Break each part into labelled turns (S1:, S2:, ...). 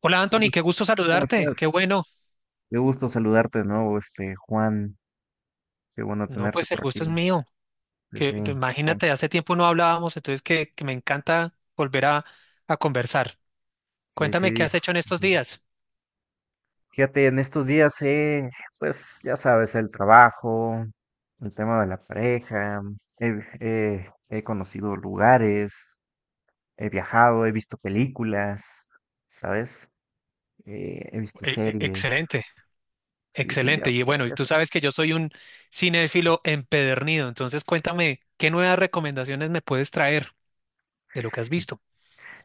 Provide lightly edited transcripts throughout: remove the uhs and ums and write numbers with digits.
S1: Hola
S2: ¿Cómo,
S1: Anthony, qué
S2: es-
S1: gusto
S2: cómo
S1: saludarte, qué
S2: estás?
S1: bueno.
S2: Qué gusto saludarte de nuevo, Juan. Qué bueno
S1: No,
S2: tenerte
S1: pues
S2: por
S1: el
S2: aquí.
S1: gusto es mío.
S2: Sí, sí. Com-
S1: Imagínate, hace tiempo no hablábamos, entonces que me encanta volver a conversar.
S2: sí,
S1: Cuéntame qué
S2: sí.
S1: has hecho en estos
S2: Ujú.
S1: días.
S2: Fíjate, en estos días, pues ya sabes, el trabajo, el tema de la pareja, he, he conocido lugares, he viajado, he visto películas, ¿sabes? He visto series.
S1: Excelente,
S2: Sí, sí, ya,
S1: excelente. Y bueno, y
S2: ya
S1: tú sabes
S2: sabes.
S1: que yo soy un cinéfilo empedernido, entonces cuéntame qué nuevas recomendaciones me puedes traer de lo que has visto.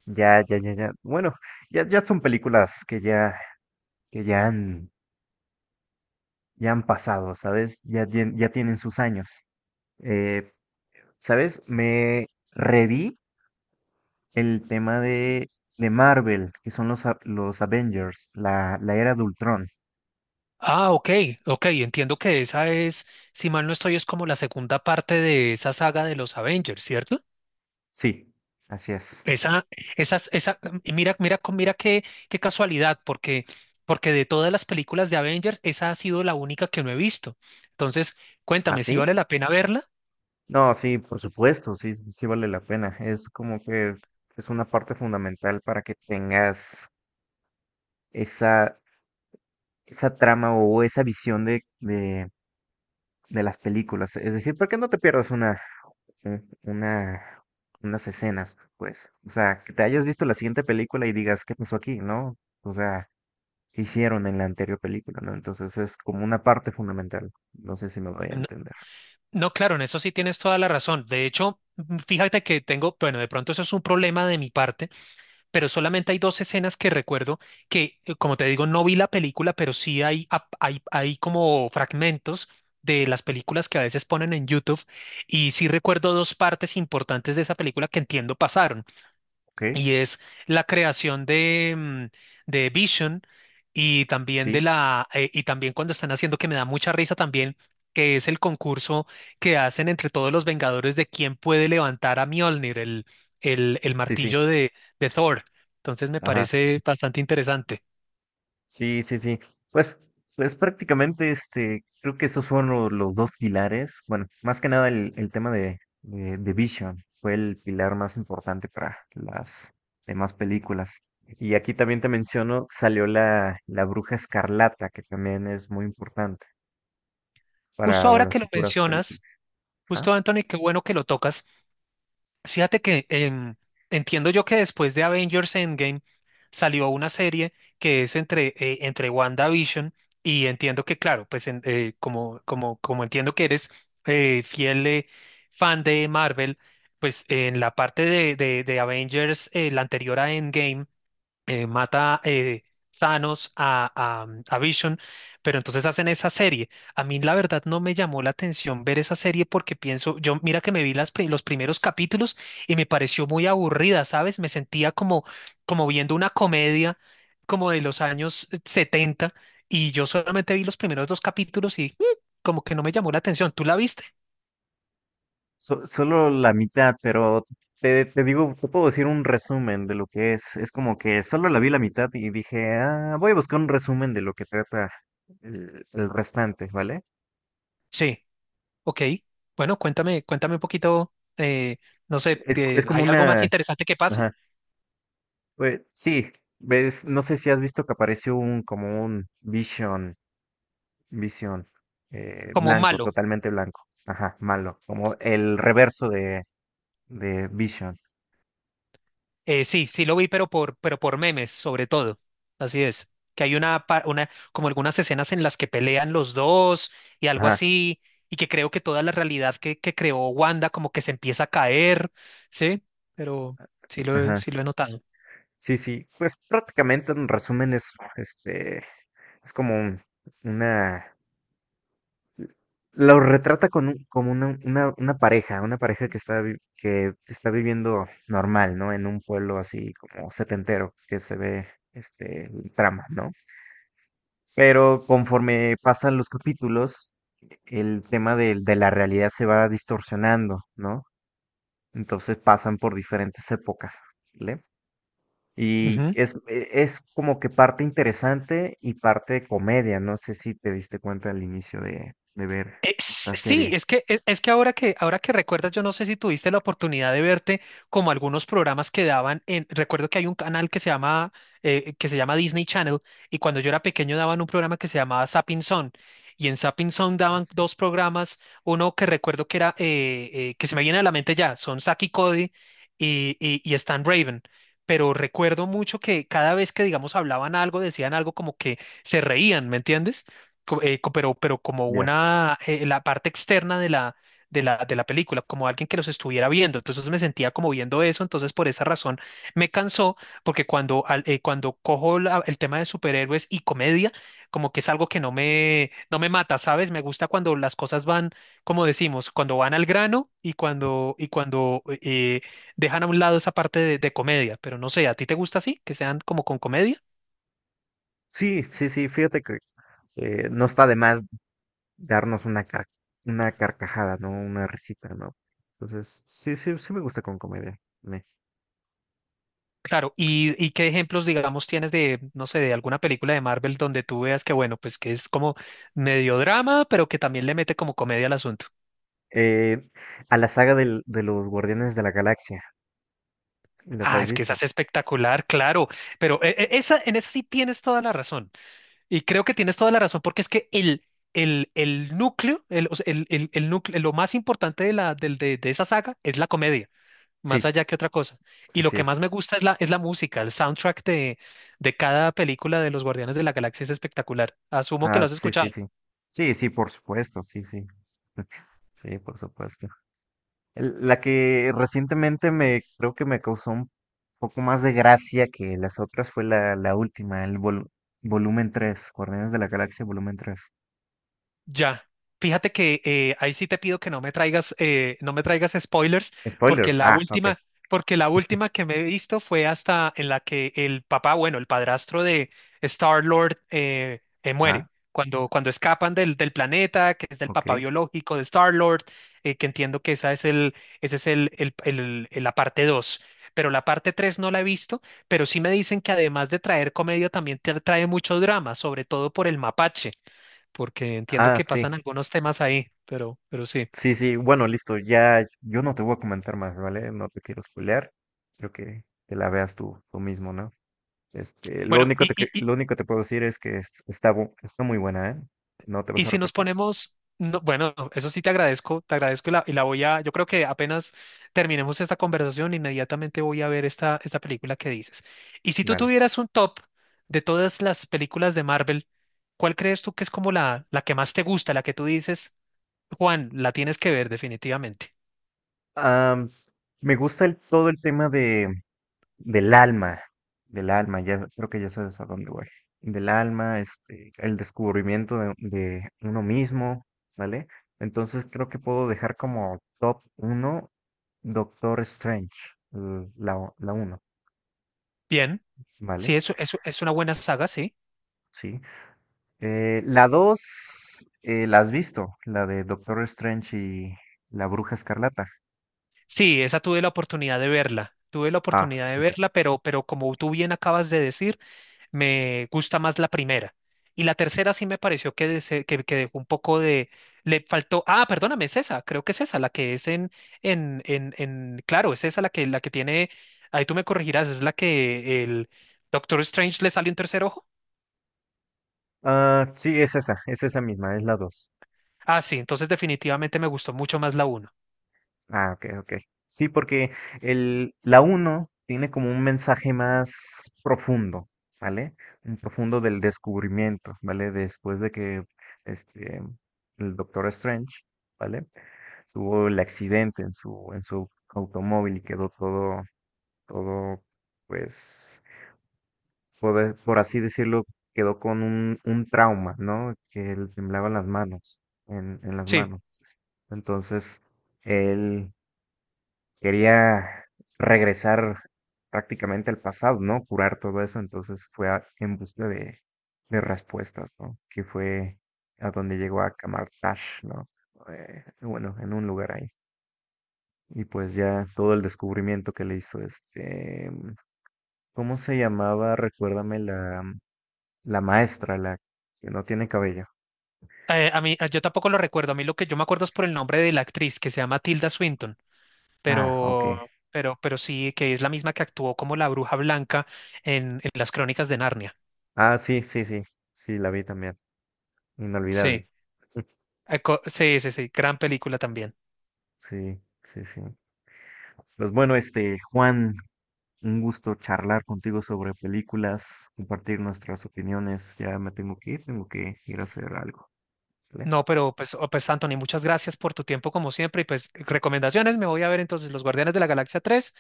S2: Ya, ya, ya, ya. Bueno, ya son películas que ya han pasado, ¿sabes? Ya tienen sus años. Eh, ¿Sabes? Me reví el tema de Marvel, que son los Avengers, la era de Ultron.
S1: Ah, ok, ok, entiendo que esa es, si mal no estoy, es como la segunda parte de esa saga de los Avengers, ¿cierto?
S2: Sí, así es.
S1: Esa, y mira, mira qué casualidad, porque de todas las películas de Avengers, esa ha sido la única que no he visto. Entonces, cuéntame, ¿si
S2: ¿Así?
S1: vale la pena verla?
S2: No, sí, por supuesto, sí, sí vale la pena. Es como que es una parte fundamental para que tengas esa, esa trama o esa visión de las películas. Es decir, ¿por qué no te pierdas un- una, unas escenas, pues? O sea, que te hayas visto la siguiente película y digas, ¿qué pasó aquí? ¿No? O sea, ¿qué hicieron en la anterior película? ¿No? Entonces es como una parte fundamental. No sé si me voy a
S1: No,
S2: entender.
S1: no, claro, en eso sí tienes toda la razón. De hecho, fíjate que tengo, bueno, de pronto eso es un problema de mi parte, pero solamente hay dos escenas que recuerdo que, como te digo, no vi la película, pero sí hay, hay como fragmentos de las películas que a veces ponen en YouTube y sí recuerdo dos partes importantes de esa película que entiendo pasaron,
S2: ¿Ok?
S1: y es la creación de, de Vision, y también de
S2: Sí,
S1: la y también cuando están haciendo, que me da mucha risa también, que es el concurso que hacen entre todos los Vengadores de quién puede levantar a Mjolnir, el, el
S2: sí, sí.
S1: martillo de Thor. Entonces me
S2: Ajá.
S1: parece bastante interesante.
S2: Sí, sí, sí. Pues, pues prácticamente, creo que esos fueron dos pilares. Bueno, más que nada el tema de Vision fue el pilar más importante para las demás películas. Y aquí también te menciono, salió la Bruja Escarlata, que también es muy importante
S1: Justo
S2: para
S1: ahora que
S2: las
S1: lo
S2: futuras
S1: mencionas,
S2: películas. ¿Ah?
S1: justo Anthony, qué bueno que lo tocas. Fíjate que entiendo yo que después de Avengers Endgame salió una serie que es entre, entre WandaVision, y entiendo que, claro, pues como, como entiendo que eres fiel fan de Marvel, pues en la parte de, de Avengers, la anterior a Endgame, mata Thanos a, a Vision, pero entonces hacen esa serie. A mí la verdad no me llamó la atención ver esa serie porque pienso, yo mira que me vi las, los primeros capítulos y me pareció muy aburrida, ¿sabes? Me sentía como, como viendo una comedia como de los años setenta, y yo solamente vi los primeros dos capítulos y como que no me llamó la atención. ¿Tú la viste?
S2: Solo la mitad, pero te digo, te puedo decir un resumen de lo que es. Es como que solo la vi la mitad y dije, ah, voy a buscar un resumen de lo que trata el restante, ¿vale?
S1: Sí, ok. Bueno, cuéntame, cuéntame un poquito, no sé,
S2: Es, es como
S1: ¿hay algo más
S2: una.
S1: interesante que pase?
S2: Ajá, pues, sí, ves, no sé si has visto que apareció como un Vision,
S1: Como un
S2: blanco,
S1: malo.
S2: totalmente blanco. Ajá, malo, como el reverso de Vision.
S1: Sí, sí lo vi, pero pero por memes, sobre todo. Así es. Que hay una, una, como algunas escenas en las que pelean los dos y algo
S2: Ajá,
S1: así, y que creo que toda la realidad que creó Wanda como que se empieza a caer, ¿sí? Pero sí lo,
S2: ajá.
S1: sí lo he notado.
S2: Sí, sí, pues prácticamente en resumen es este, Es como un- una, lo retrata con como una pareja que está viviendo normal, ¿no? En un pueblo así como setentero, que se ve el trama, ¿no? Pero conforme pasan los capítulos, el tema de la realidad se va distorsionando, ¿no? Entonces pasan por diferentes épocas, ¿vale? Y
S1: Ujú.
S2: es como que parte interesante y parte de comedia. No sé si te diste cuenta al inicio de ver esta
S1: Sí,
S2: serie.
S1: es que, es que ahora que recuerdas, yo no sé si tuviste la oportunidad de verte como algunos programas que daban en, recuerdo que hay un canal que se llama Disney Channel, y cuando yo era pequeño daban un programa que se llamaba Zapping Zone, y en Zapping Zone daban
S2: Pues.
S1: dos programas, uno que recuerdo que era que se me viene a la mente ya, son Zack y Cody y Stan Raven. Pero recuerdo mucho que cada vez que, digamos, hablaban algo, decían algo como que se reían, ¿me entiendes? Pero como
S2: Ya.
S1: una, la parte externa de la, de la película, como alguien que los estuviera viendo. Entonces me sentía como viendo eso, entonces por esa razón me cansó, porque cuando, cuando cojo el tema de superhéroes y comedia, como que es algo que no me, no me mata, ¿sabes? Me gusta cuando las cosas van, como decimos, cuando van al grano y cuando dejan a un lado esa parte de comedia. Pero no sé, ¿a ti te gusta así? Que sean como con comedia.
S2: Sí, sí, sí, fíjate que no está de más darnos una carcajada, ¿no? Una risita, ¿no? Entonces, sí, sí, sí me gusta con comedia. Me.
S1: Claro, ¿y, y qué ejemplos, digamos, tienes de, no sé, de alguna película de Marvel donde tú veas que, bueno, pues que es como medio drama, pero que también le mete como comedia al asunto?
S2: Eh, a la saga de los Guardianes de la Galaxia, ¿las
S1: Ah,
S2: has
S1: es que esa
S2: visto?
S1: es espectacular, claro, pero esa, en esa sí tienes toda la razón. Y creo que tienes toda la razón porque es que el, el núcleo, el, o sea, el, el núcleo, lo más importante de, la, de esa saga es la comedia, más
S2: Sí,
S1: allá que otra cosa. Y lo
S2: así
S1: que más
S2: es.
S1: me gusta es la música, el soundtrack de cada película de los Guardianes de la Galaxia es espectacular. Asumo que lo
S2: Ah,
S1: has
S2: sí, sí,
S1: escuchado.
S2: sí. Sí, sí, por supuesto, sí, sí. Sí, por supuesto. La que recientemente me creo que me causó un poco más de gracia que las otras fue la última, el volumen tres, Guardianes de la Galaxia volumen tres.
S1: Ya. Fíjate que ahí sí te pido que no me traigas, no me traigas spoilers, porque
S2: Spoilers.
S1: la
S2: Ah, ok.
S1: última, porque la última que me he visto fue hasta en la que el papá, bueno, el padrastro de Star-Lord
S2: Ah,
S1: muere. Cuando, cuando escapan del, del planeta, que es del
S2: ok.
S1: papá biológico de Star-Lord, que entiendo que esa es el, ese es el, la parte dos. Pero la parte 3 no la he visto, pero sí me dicen que además de traer comedia, también te trae mucho drama, sobre todo por el mapache, porque entiendo
S2: Ah,
S1: que
S2: sí.
S1: pasan algunos temas ahí, pero sí.
S2: Sí, sí. Bueno, listo. Ya yo no te voy a comentar más, ¿vale? No te quiero spoilear. Creo que la veas tú, tú mismo, ¿no? Este, lo
S1: Bueno,
S2: único te, que- lo único que te puedo decir es que está muy buena, ¿eh? No te
S1: y
S2: vas a
S1: si nos
S2: repetir.
S1: ponemos, no, bueno, no, eso sí te agradezco, te agradezco, y la voy a, yo creo que apenas terminemos esta conversación, inmediatamente voy a ver esta, esta película que dices. Y si tú
S2: Dale.
S1: tuvieras un top de todas las películas de Marvel, ¿cuál crees tú que es como la que más te gusta, la que tú dices? Juan, la tienes que ver definitivamente.
S2: Am, Me gusta todo el tema del alma, del alma, ya creo que ya sabes a dónde voy. Del alma. El descubrimiento de uno mismo, ¿vale? Entonces creo que puedo dejar como top uno Doctor Strange, la uno,
S1: Bien,
S2: ¿vale?
S1: sí, eso es una buena saga, sí.
S2: Sí. La dos. ¿La has visto? La de Doctor Strange y la Bruja Escarlata.
S1: Sí, esa tuve la oportunidad de verla, tuve la
S2: Ah,
S1: oportunidad de
S2: ok.
S1: verla, pero como tú bien acabas de decir, me gusta más la primera. Y la tercera sí me pareció que, que dejó un poco de... le faltó... Ah, perdóname, es esa, creo que es esa, la que es en... en... Claro, es esa la que tiene... Ahí tú me corregirás, es la que el Doctor Strange le sale un tercer ojo.
S2: Ah, sí, es esa misma, es la 2.
S1: Ah, sí, entonces definitivamente me gustó mucho más la uno.
S2: Ah, ok, ok. Sí, porque la uno tiene como un mensaje más profundo, ¿vale? Un profundo del descubrimiento, ¿vale? Después de que este, el Doctor Strange, ¿vale? Tuvo el accidente en su automóvil y quedó todo, todo, pues, por así decirlo, quedó con un trauma, ¿no? Que le temblaban las manos, en las
S1: Sí,
S2: manos. Entonces, él quería regresar prácticamente al pasado, ¿no? Curar todo eso, entonces fue en busca de respuestas, ¿no? Que fue a donde llegó a Kamartash, ¿no? Bueno, en un lugar ahí. Y pues ya todo el descubrimiento que le hizo. ¿Cómo se llamaba? Recuérdame la maestra, la que no tiene cabello.
S1: a mí, yo tampoco lo recuerdo. A mí lo que yo me acuerdo es por el nombre de la actriz que se llama Tilda Swinton,
S2: Ah, ok.
S1: pero sí, que es la misma que actuó como la Bruja Blanca en las Crónicas de Narnia.
S2: Ah, sí, sí, sí, sí, la vi también. Inolvidable.
S1: Sí, sí, sí, sí, gran película también.
S2: Sí, sí, sí. Pues bueno, Juan, un gusto charlar contigo sobre películas, compartir nuestras opiniones. Ya me tengo que ir a hacer algo, ¿vale?
S1: No, pero pues, oh, pues Anthony, muchas gracias por tu tiempo como siempre, y pues recomendaciones, me voy a ver entonces Los Guardianes de la Galaxia tres,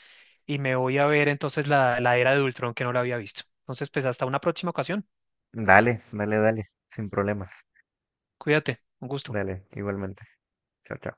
S1: y me voy a ver entonces la, la Era de Ultron, que no la había visto. Entonces, pues hasta una próxima ocasión.
S2: Dale, dale, dale, sin problemas.
S1: Cuídate, un gusto.
S2: Dale, igualmente. Chao, chao.